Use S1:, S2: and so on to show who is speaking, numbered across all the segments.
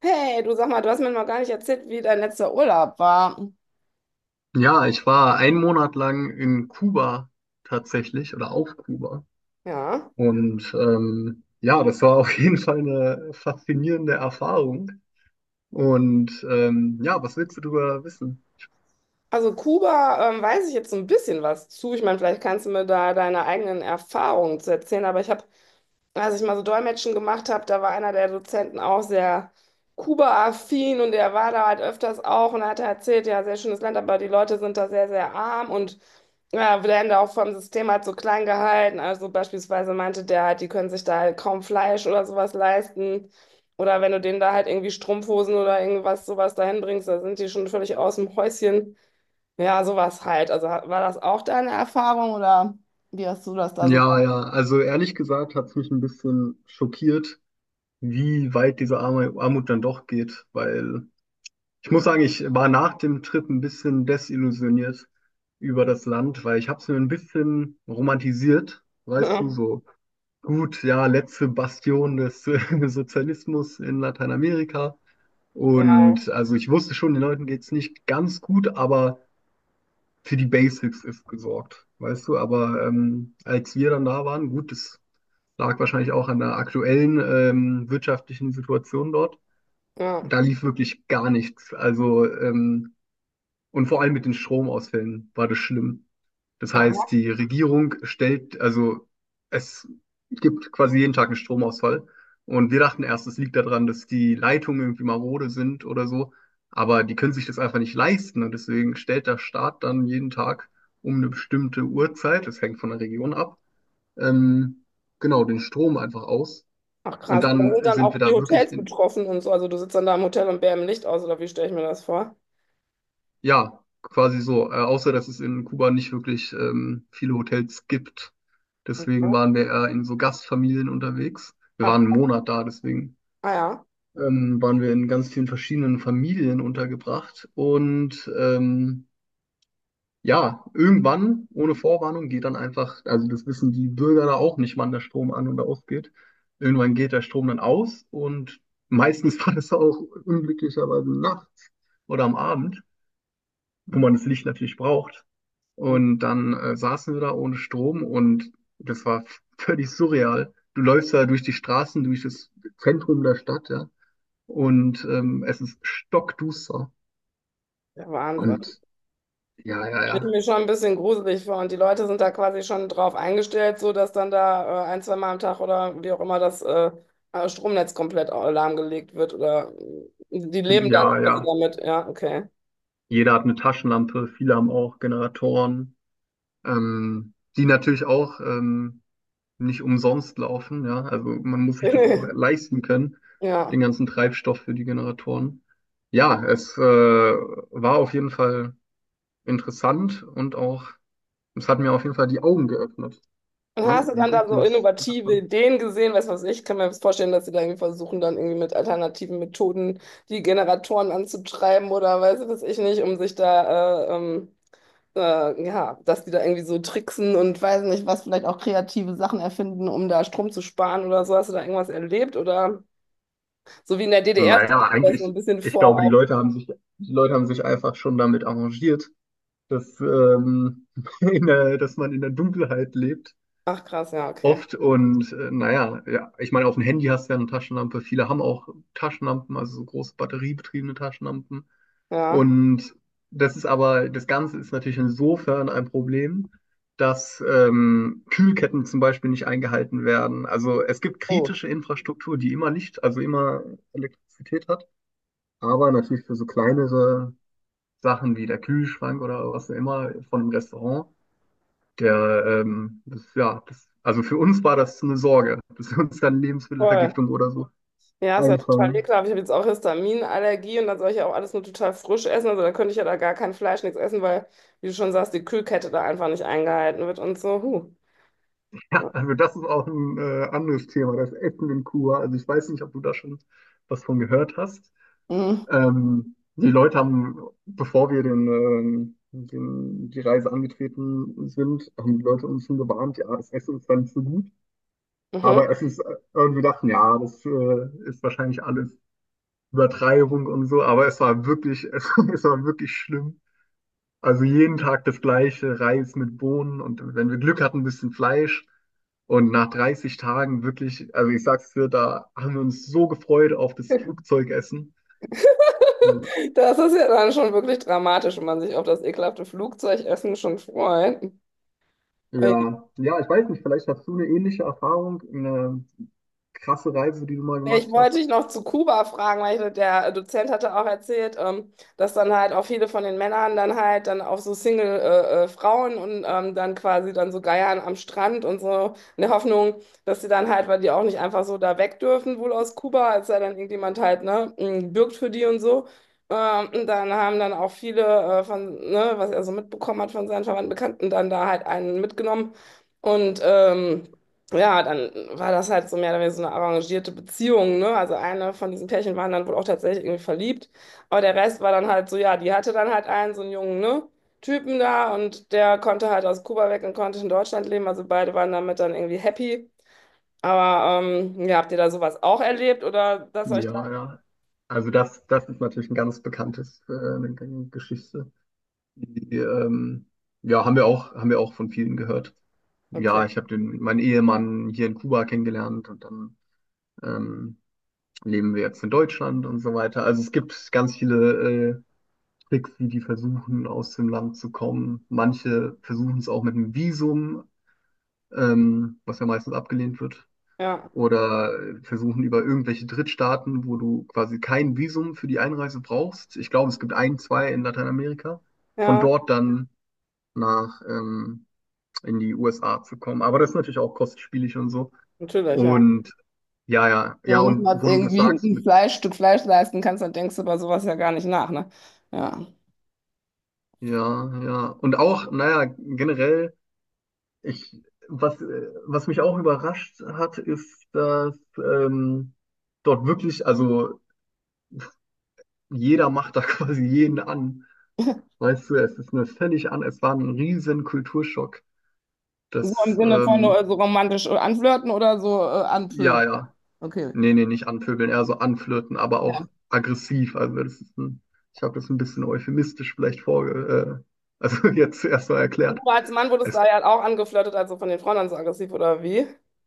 S1: Hey, du sag mal, du hast mir noch gar nicht erzählt, wie dein letzter Urlaub war.
S2: Ja, ich war einen Monat lang in Kuba tatsächlich oder auf Kuba.
S1: Ja,
S2: Ja, das war auf jeden Fall eine faszinierende Erfahrung. Ja, was willst du darüber wissen?
S1: also Kuba, weiß ich jetzt so ein bisschen was zu. Ich meine, vielleicht kannst du mir da deine eigenen Erfahrungen zu erzählen, aber ich habe als ich mal so Dolmetschen gemacht habe, da war einer der Dozenten auch sehr Kuba-affin und er war da halt öfters auch und hat erzählt, ja, sehr schönes Land, aber die Leute sind da sehr, sehr arm und ja, werden da auch vom System halt so klein gehalten. Also beispielsweise meinte der halt, die können sich da halt kaum Fleisch oder sowas leisten. Oder wenn du denen da halt irgendwie Strumpfhosen oder irgendwas sowas dahin bringst, da sind die schon völlig aus dem Häuschen. Ja, sowas halt. Also war das auch deine Erfahrung oder wie hast du das da so?
S2: Ja, ja, also ehrlich gesagt hat es mich ein bisschen schockiert, wie weit Armut dann doch geht, weil ich muss sagen, ich war nach dem Trip ein bisschen desillusioniert über das Land, weil ich habe es mir ein bisschen romantisiert, weißt du, so. Gut, ja, letzte Bastion des Sozialismus in Lateinamerika. Und also ich wusste schon, den Leuten geht's nicht ganz gut, aber für die Basics ist gesorgt, weißt du. Aber als wir dann da waren, gut, das lag wahrscheinlich auch an der aktuellen wirtschaftlichen Situation dort.
S1: Ja,
S2: Da lief wirklich gar nichts. Und vor allem mit den Stromausfällen war das schlimm. Das heißt,
S1: ja.
S2: die Regierung stellt, also es gibt quasi jeden Tag einen Stromausfall. Und wir dachten erst, es liegt daran, dass die Leitungen irgendwie marode sind oder so. Aber die können sich das einfach nicht leisten. Und deswegen stellt der Staat dann jeden Tag um eine bestimmte Uhrzeit, das hängt von der Region ab, ähm, genau, den Strom einfach aus.
S1: Ach
S2: Und
S1: krass, und da
S2: dann
S1: sind dann
S2: sind wir
S1: auch die
S2: da wirklich
S1: Hotels
S2: in,
S1: betroffen und so. Also du sitzt dann da im Hotel und bär im Licht aus, oder wie stelle ich mir das vor?
S2: Ja, quasi so. Außer, dass es in Kuba nicht wirklich viele Hotels gibt.
S1: Und-
S2: Deswegen waren wir eher in so Gastfamilien unterwegs. Wir
S1: Ach,
S2: waren einen Monat da, deswegen
S1: ah ja.
S2: waren wir in ganz vielen verschiedenen Familien untergebracht. Ja, irgendwann, ohne Vorwarnung, geht dann einfach, also das wissen die Bürger da auch nicht, wann der Strom an und ausgeht. Irgendwann geht der Strom dann aus und meistens war das auch unglücklicherweise nachts oder am Abend, wo man das Licht natürlich braucht.
S1: Hm.
S2: Und dann saßen wir da ohne Strom, und das war völlig surreal. Du läufst da durch die Straßen, durch das Zentrum der Stadt, ja. Es ist stockduster.
S1: Der Wahnsinn.
S2: Und ja, ja,
S1: Stelle ich
S2: ja.
S1: mir schon ein bisschen gruselig vor. Und die Leute sind da quasi schon drauf eingestellt, so dass dann da ein, zwei Mal am Tag oder wie auch immer das Stromnetz komplett lahmgelegt wird. Oder die leben dann
S2: Ja,
S1: quasi
S2: ja.
S1: damit. Ja, okay.
S2: Jeder hat eine Taschenlampe, viele haben auch Generatoren, die natürlich auch nicht umsonst laufen, ja. Also man muss sich das auch leisten können, den
S1: Ja.
S2: ganzen Treibstoff für die Generatoren. Ja, es war auf jeden Fall interessant, und auch, es hat mir auf jeden Fall die Augen geöffnet,
S1: Und
S2: ne?
S1: hast du
S2: Wie
S1: dann da
S2: gut
S1: so
S2: das.
S1: innovative Ideen gesehen? Weißt du was ich? Ich kann mir vorstellen, dass sie da irgendwie versuchen, dann irgendwie mit alternativen Methoden die Generatoren anzutreiben oder weiß du was ich nicht, um sich da, ja, dass die da irgendwie so tricksen und weiß nicht, was vielleicht auch kreative Sachen erfinden, um da Strom zu sparen oder so. Hast du da irgendwas erlebt? Oder so wie in der DDR stelle
S2: Naja,
S1: ich mir das so
S2: eigentlich,
S1: ein bisschen
S2: ich
S1: vor,
S2: glaube, die
S1: auch.
S2: Leute haben sich, die Leute haben sich einfach schon damit arrangiert, dass, ähm, dass man in der Dunkelheit lebt.
S1: Ach krass, ja, okay.
S2: Oft. Und naja, ja, ich meine, auf dem Handy hast du ja eine Taschenlampe. Viele haben auch Taschenlampen, also so große batteriebetriebene Taschenlampen.
S1: Ja.
S2: Und das Ganze ist natürlich insofern ein Problem, dass Kühlketten zum Beispiel nicht eingehalten werden. Also es gibt
S1: Oh,
S2: kritische Infrastruktur, die immer Licht, also immer Elektrizität hat, aber natürlich für so kleinere Sachen wie der Kühlschrank oder was auch immer von einem Restaurant, der, das, ja, das, also für uns war das eine Sorge, dass wir uns dann
S1: voll.
S2: Lebensmittelvergiftung oder so
S1: Ja, ist ja total
S2: einfangen.
S1: ekelhaft. Ich habe jetzt auch Histaminallergie und dann soll ich ja auch alles nur total frisch essen. Also da könnte ich ja da gar kein Fleisch, nichts essen, weil, wie du schon sagst, die Kühlkette da einfach nicht eingehalten wird und so. Huh.
S2: Ja,
S1: Ja.
S2: also das ist auch ein anderes Thema, das Essen in Kuba. Also ich weiß nicht, ob du da schon was von gehört hast.
S1: Mhm.
S2: Ähm, die Leute haben, bevor wir die Reise angetreten sind, haben die Leute uns schon gewarnt, ja, das Essen ist dann nicht so gut.
S1: Mhm.
S2: Aber es ist, äh, und wir dachten, ja, das ist wahrscheinlich alles Übertreibung und so, aber es war wirklich, es war wirklich schlimm. Also jeden Tag das gleiche, Reis mit Bohnen, und wenn wir Glück hatten, ein bisschen Fleisch. Und nach 30 Tagen wirklich, also ich sag's dir, da haben wir uns so gefreut auf das Flugzeugessen.
S1: Das ist ja dann schon wirklich dramatisch, wenn man sich auf das ekelhafte Flugzeugessen schon freut.
S2: Ja, ja, ich weiß nicht, vielleicht hast du eine ähnliche Erfahrung, eine krasse Reise, die du mal
S1: Ja, ich
S2: gemacht
S1: wollte
S2: hast.
S1: dich noch zu Kuba fragen, weil ich, der Dozent hatte auch erzählt, dass dann halt auch viele von den Männern dann halt dann auf so Single, Frauen und dann quasi dann so geiern am Strand und so in der Hoffnung, dass sie dann halt, weil die auch nicht einfach so da weg dürfen, wohl aus Kuba, als sei dann irgendjemand halt, ne, bürgt für die und so. Und dann haben dann auch viele von, ne, was er so mitbekommen hat von seinen Verwandten, Bekannten, dann da halt einen mitgenommen und ja, dann war das halt so mehr oder weniger so eine arrangierte Beziehung, ne? Also eine von diesen Pärchen waren dann wohl auch tatsächlich irgendwie verliebt, aber der Rest war dann halt so, ja, die hatte dann halt einen, so einen jungen, ne? Typen da und der konnte halt aus Kuba weg und konnte in Deutschland leben, also beide waren damit dann irgendwie happy. Aber ja, habt ihr da sowas auch erlebt oder das euch da?
S2: Ja, ja. Also das ist natürlich ein ganz bekanntes, eine Geschichte. Die, ähm, ja, haben wir auch von vielen gehört.
S1: Okay,
S2: Ja, meinen Ehemann hier in Kuba kennengelernt, und dann ähm, leben wir jetzt in Deutschland und so weiter. Also es gibt ganz viele Tricks, wie die versuchen, aus dem Land zu kommen. Manche versuchen es auch mit einem Visum, was ja meistens abgelehnt wird.
S1: ja,
S2: Oder versuchen über irgendwelche Drittstaaten, wo du quasi kein Visum für die Einreise brauchst. Ich glaube, es gibt ein, zwei in Lateinamerika. Von
S1: ja,
S2: dort dann nach in die USA zu kommen. Aber das ist natürlich auch kostspielig und so.
S1: natürlich, ja.
S2: Und ja, ja, ja,
S1: Wenn du nicht
S2: und
S1: mal
S2: wo du das
S1: irgendwie
S2: sagst
S1: ein
S2: mit,
S1: Fleisch, Stück Fleisch leisten kannst, dann denkst du über sowas ja gar nicht nach, ne? Ja.
S2: ja, ja. Und auch, naja, generell, ich, was mich auch überrascht hat, ist, dass dort wirklich, also jeder macht da quasi jeden an. Weißt du, es ist mir völlig an, es war ein riesen Kulturschock.
S1: So im
S2: Das,
S1: Sinne von
S2: ähm,
S1: nur so romantisch anflirten oder so
S2: ja,
S1: anpöbeln.
S2: ja.
S1: Okay.
S2: Nee, nee, nicht anpöbeln, eher so anflirten, aber
S1: Ja.
S2: auch aggressiv. Also das ist ein, ich habe das ein bisschen euphemistisch vielleicht vorge, also jetzt erstmal
S1: Und
S2: erklärt.
S1: du als Mann wurdest
S2: Es,
S1: da ja auch angeflirtet, also von den Frauen dann so aggressiv oder wie?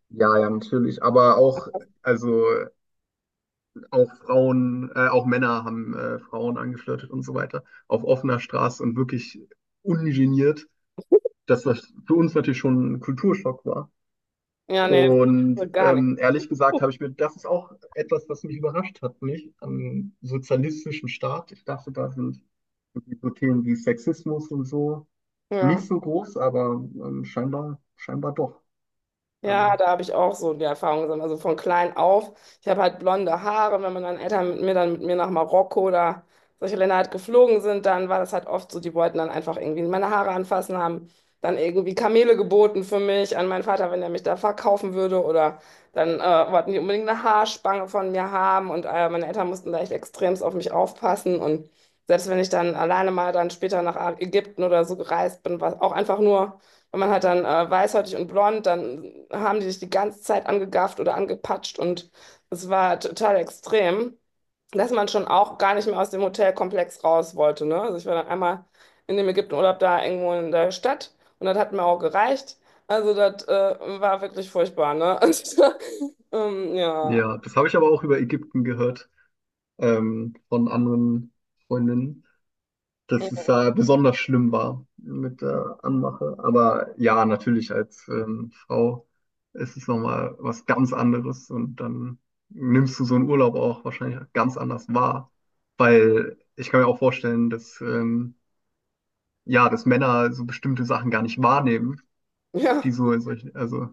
S2: ja, ja, natürlich. Aber auch, also auch Frauen, auch Männer haben Frauen angeflirtet und so weiter. Auf offener Straße und wirklich ungeniert, dass das für uns natürlich schon ein Kulturschock war.
S1: Ja, nee, das war
S2: Und
S1: gar nicht.
S2: ehrlich gesagt habe ich mir, das ist auch etwas, was mich überrascht hat, nicht? Am sozialistischen Staat. Ich dachte, da sind so Themen wie Sexismus und so
S1: Ja.
S2: nicht so groß, aber scheinbar doch. Also,
S1: Ja, da habe ich auch so die Erfahrung gesammelt. Also von klein auf. Ich habe halt blonde Haare. Wenn meine Eltern mit mir dann mit mir nach Marokko oder solche Länder halt geflogen sind, dann war das halt oft so, die wollten dann einfach irgendwie meine Haare anfassen, haben dann irgendwie Kamele geboten für mich an meinen Vater, wenn er mich da verkaufen würde. Oder dann wollten die unbedingt eine Haarspange von mir haben. Und meine Eltern mussten da echt extremst auf mich aufpassen. Und selbst wenn ich dann alleine mal dann später nach Ägypten oder so gereist bin, war es auch einfach nur. Und man hat dann weißhäutig und blond, dann haben die dich die ganze Zeit angegafft oder angepatscht und es war total extrem, dass man schon auch gar nicht mehr aus dem Hotelkomplex raus wollte, ne? Also ich war dann einmal in dem Ägyptenurlaub da irgendwo in der Stadt und das hat mir auch gereicht. Also das war wirklich furchtbar, ne? Und, ja,
S2: ja, das habe ich aber auch über Ägypten gehört, von anderen Freundinnen, dass es da besonders schlimm war mit der Anmache. Aber ja, natürlich als Frau ist es nochmal was ganz anderes, und dann nimmst du so einen Urlaub auch wahrscheinlich ganz anders wahr, weil ich kann mir auch vorstellen, dass ja, dass Männer so bestimmte Sachen gar nicht wahrnehmen, die
S1: ja.
S2: so in solchen, also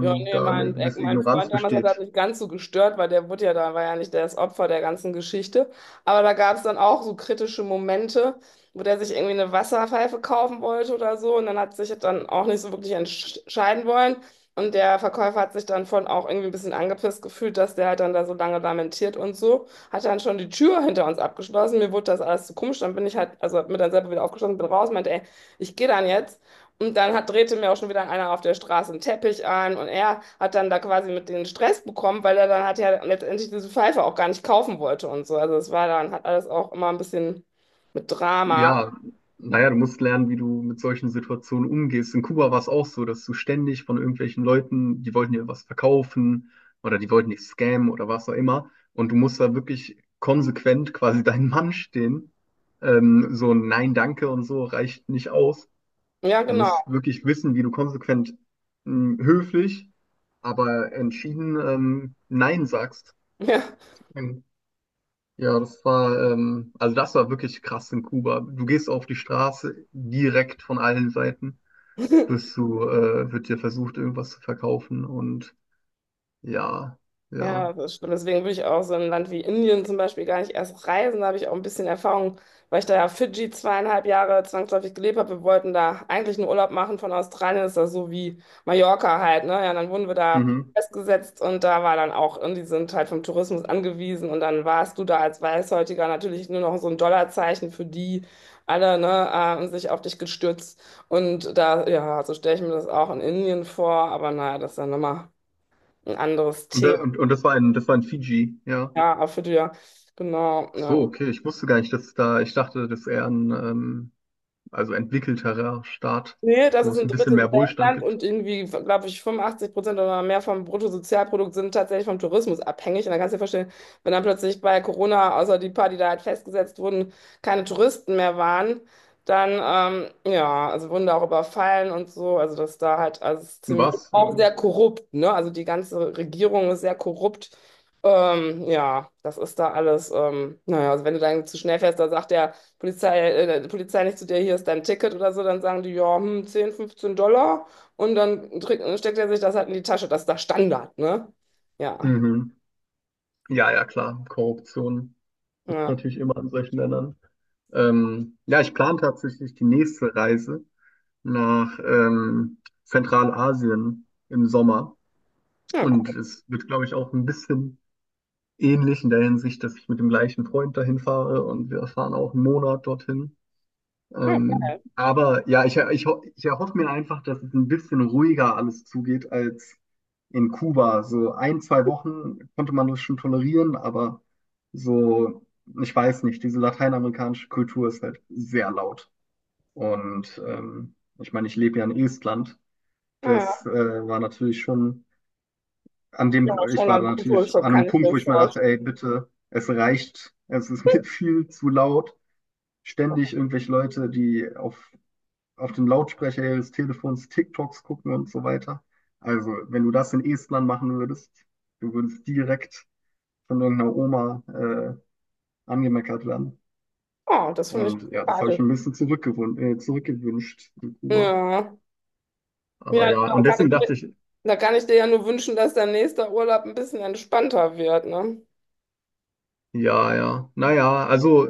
S1: Ja, nee,
S2: da eine
S1: mein, äh,
S2: gewisse
S1: mein
S2: Ignoranz
S1: Freund damals hat das
S2: besteht.
S1: nicht ganz so gestört, weil der wurde ja da, war ja nicht das Opfer der ganzen Geschichte. Aber da gab es dann auch so kritische Momente, wo der sich irgendwie eine Wasserpfeife kaufen wollte oder so. Und dann hat sich das dann auch nicht so wirklich entscheiden wollen. Und der Verkäufer hat sich dann von auch irgendwie ein bisschen angepisst gefühlt, dass der halt dann da so lange lamentiert und so. Hat dann schon die Tür hinter uns abgeschlossen. Mir wurde das alles zu komisch. Dann bin ich halt, also hab mir dann selber wieder aufgeschlossen, bin raus, meinte, ey, ich gehe dann jetzt. Und dann hat, drehte mir auch schon wieder einer auf der Straße einen Teppich an und er hat dann da quasi mit den Stress bekommen, weil er dann hat ja letztendlich diese Pfeife auch gar nicht kaufen wollte und so. Also es war dann, hat alles auch immer ein bisschen mit Drama.
S2: Ja, naja, du musst lernen, wie du mit solchen Situationen umgehst. In Kuba war es auch so, dass du ständig von irgendwelchen Leuten, die wollten dir was verkaufen oder die wollten dich scammen oder was auch immer. Und du musst da wirklich konsequent quasi deinen Mann stehen. So ein Nein, danke und so reicht nicht aus.
S1: Ja,
S2: Du musst
S1: genau.
S2: wirklich wissen, wie du konsequent, höflich, aber entschieden, Nein sagst.
S1: Ja.
S2: Ja, das war wirklich krass in Kuba. Du gehst auf die Straße, direkt von allen Seiten, wird dir versucht, irgendwas zu verkaufen, und ja,
S1: Ja,
S2: ja.
S1: das stimmt. Deswegen würde ich auch so ein Land wie Indien zum Beispiel gar nicht erst reisen. Da habe ich auch ein bisschen Erfahrung, weil ich da ja Fidschi zweieinhalb Jahre zwangsläufig gelebt habe. Wir wollten da eigentlich einen Urlaub machen von Australien. Das ist das so wie Mallorca halt, ne? Ja, dann wurden wir da
S2: Mhm.
S1: festgesetzt und da war dann auch, und die sind halt vom Tourismus angewiesen und dann warst du da als Weißhäutiger natürlich nur noch so ein Dollarzeichen für die alle, ne, haben sich auf dich gestürzt. Und da, ja, so stelle ich mir das auch in Indien vor, aber naja, das ist ja nochmal ein anderes
S2: Und,
S1: Thema.
S2: und das war in Fiji, ja.
S1: Ja, Apfeljahr, genau,
S2: Ach so,
S1: ja.
S2: okay, ich wusste gar nicht, dass da, ich dachte, das ist eher ein, also entwickelterer Staat,
S1: Nee, das
S2: wo
S1: ist
S2: es
S1: ein
S2: ein bisschen
S1: drittes
S2: mehr Wohlstand
S1: Weltland
S2: gibt.
S1: und irgendwie, glaube ich, 85% oder mehr vom Bruttosozialprodukt sind tatsächlich vom Tourismus abhängig. Und dann kannst du dir vorstellen, wenn dann plötzlich bei Corona, außer die paar, die da halt festgesetzt wurden, keine Touristen mehr waren, dann, ja, also wurden da auch überfallen und so. Also das da halt, also es ist ziemlich,
S2: Was?
S1: auch sehr korrupt, ne? Also die ganze Regierung ist sehr korrupt. Ja, das ist da alles, naja, also wenn du dann zu schnell fährst, da sagt der, Polizei, die Polizei nicht zu dir, hier ist dein Ticket oder so, dann sagen die, ja, 10, 15 Dollar und dann steckt er sich das halt in die Tasche. Das ist der Standard, ne? Ja,
S2: Mhm. Ja, ja, klar, Korruption gibt's
S1: ja,
S2: natürlich immer in solchen Ländern. Ja, ich plane tatsächlich die nächste Reise nach Zentralasien im Sommer.
S1: ja,
S2: Und
S1: cool.
S2: es wird, glaube ich, auch ein bisschen ähnlich in der Hinsicht, dass ich mit dem gleichen Freund dahin fahre, und wir fahren auch einen Monat dorthin.
S1: Ja,
S2: Aber ja, ich erhoffe mir einfach, dass es ein bisschen ruhiger alles zugeht als in Kuba. So ein, zwei Wochen konnte man das schon tolerieren, aber so, ich weiß nicht, diese lateinamerikanische Kultur ist halt sehr laut. Und ich meine, ich lebe ja in Estland.
S1: ja,
S2: Das war natürlich schon
S1: ja,
S2: ich
S1: schon
S2: war
S1: ein
S2: da natürlich
S1: Kulturschock,
S2: an einem
S1: kann ich
S2: Punkt,
S1: mir
S2: wo ich mir dachte, ey,
S1: vorstellen.
S2: bitte, es reicht, es ist mir viel zu laut. Ständig irgendwelche Leute, auf dem Lautsprecher ihres Telefons TikToks gucken und so weiter. Also, wenn du das in Estland machen würdest, du würdest direkt von irgendeiner Oma angemeckert werden.
S1: Oh, das finde ich
S2: Und ja, das habe ich
S1: sympathisch.
S2: ein bisschen zurückgewünscht in Kuba.
S1: Ja,
S2: Aber
S1: ja, du,
S2: ja,
S1: dann
S2: und
S1: kann ich
S2: deswegen
S1: mir,
S2: dachte ich.
S1: da kann ich dir ja nur wünschen, dass dein nächster Urlaub ein bisschen entspannter wird, ne?
S2: Ja, ja. Naja, also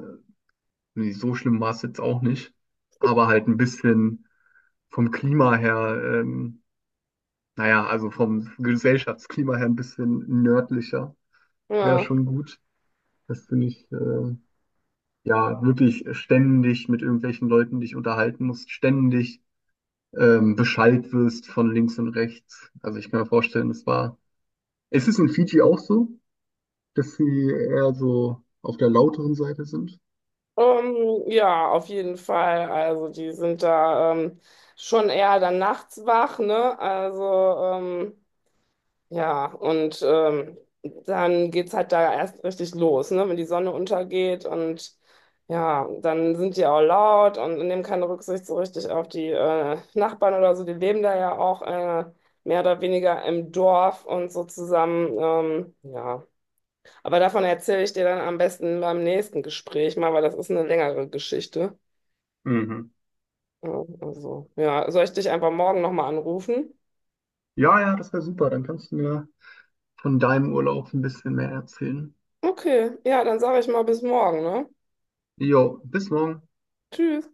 S2: nee, so schlimm war es jetzt auch nicht. Aber halt ein bisschen vom Klima her, naja, also vom Gesellschaftsklima her ein bisschen nördlicher wäre
S1: Ja.
S2: schon gut, dass du nicht ja wirklich ständig mit irgendwelchen Leuten dich unterhalten musst, ständig beschallt wirst von links und rechts. Also ich kann mir vorstellen, es war. Ist es in Fiji auch so, dass sie eher so auf der lauteren Seite sind?
S1: Ja, auf jeden Fall. Also die sind da schon eher dann nachts wach, ne? Also ähm, ja, und dann geht's halt da erst richtig los, ne? Wenn die Sonne untergeht und ja, dann sind die auch laut und nehmen keine Rücksicht so richtig auf die Nachbarn oder so. Die leben da ja auch mehr oder weniger im Dorf und so zusammen. Ja. Aber davon erzähle ich dir dann am besten beim nächsten Gespräch mal, weil das ist eine längere Geschichte.
S2: Mhm.
S1: Ja, also, ja, soll ich dich einfach morgen nochmal anrufen?
S2: Ja, ja, das wäre super. Dann kannst du mir von deinem Urlaub ein bisschen mehr erzählen.
S1: Okay, ja, dann sage ich mal bis morgen, ne?
S2: Jo, bis morgen.
S1: Tschüss.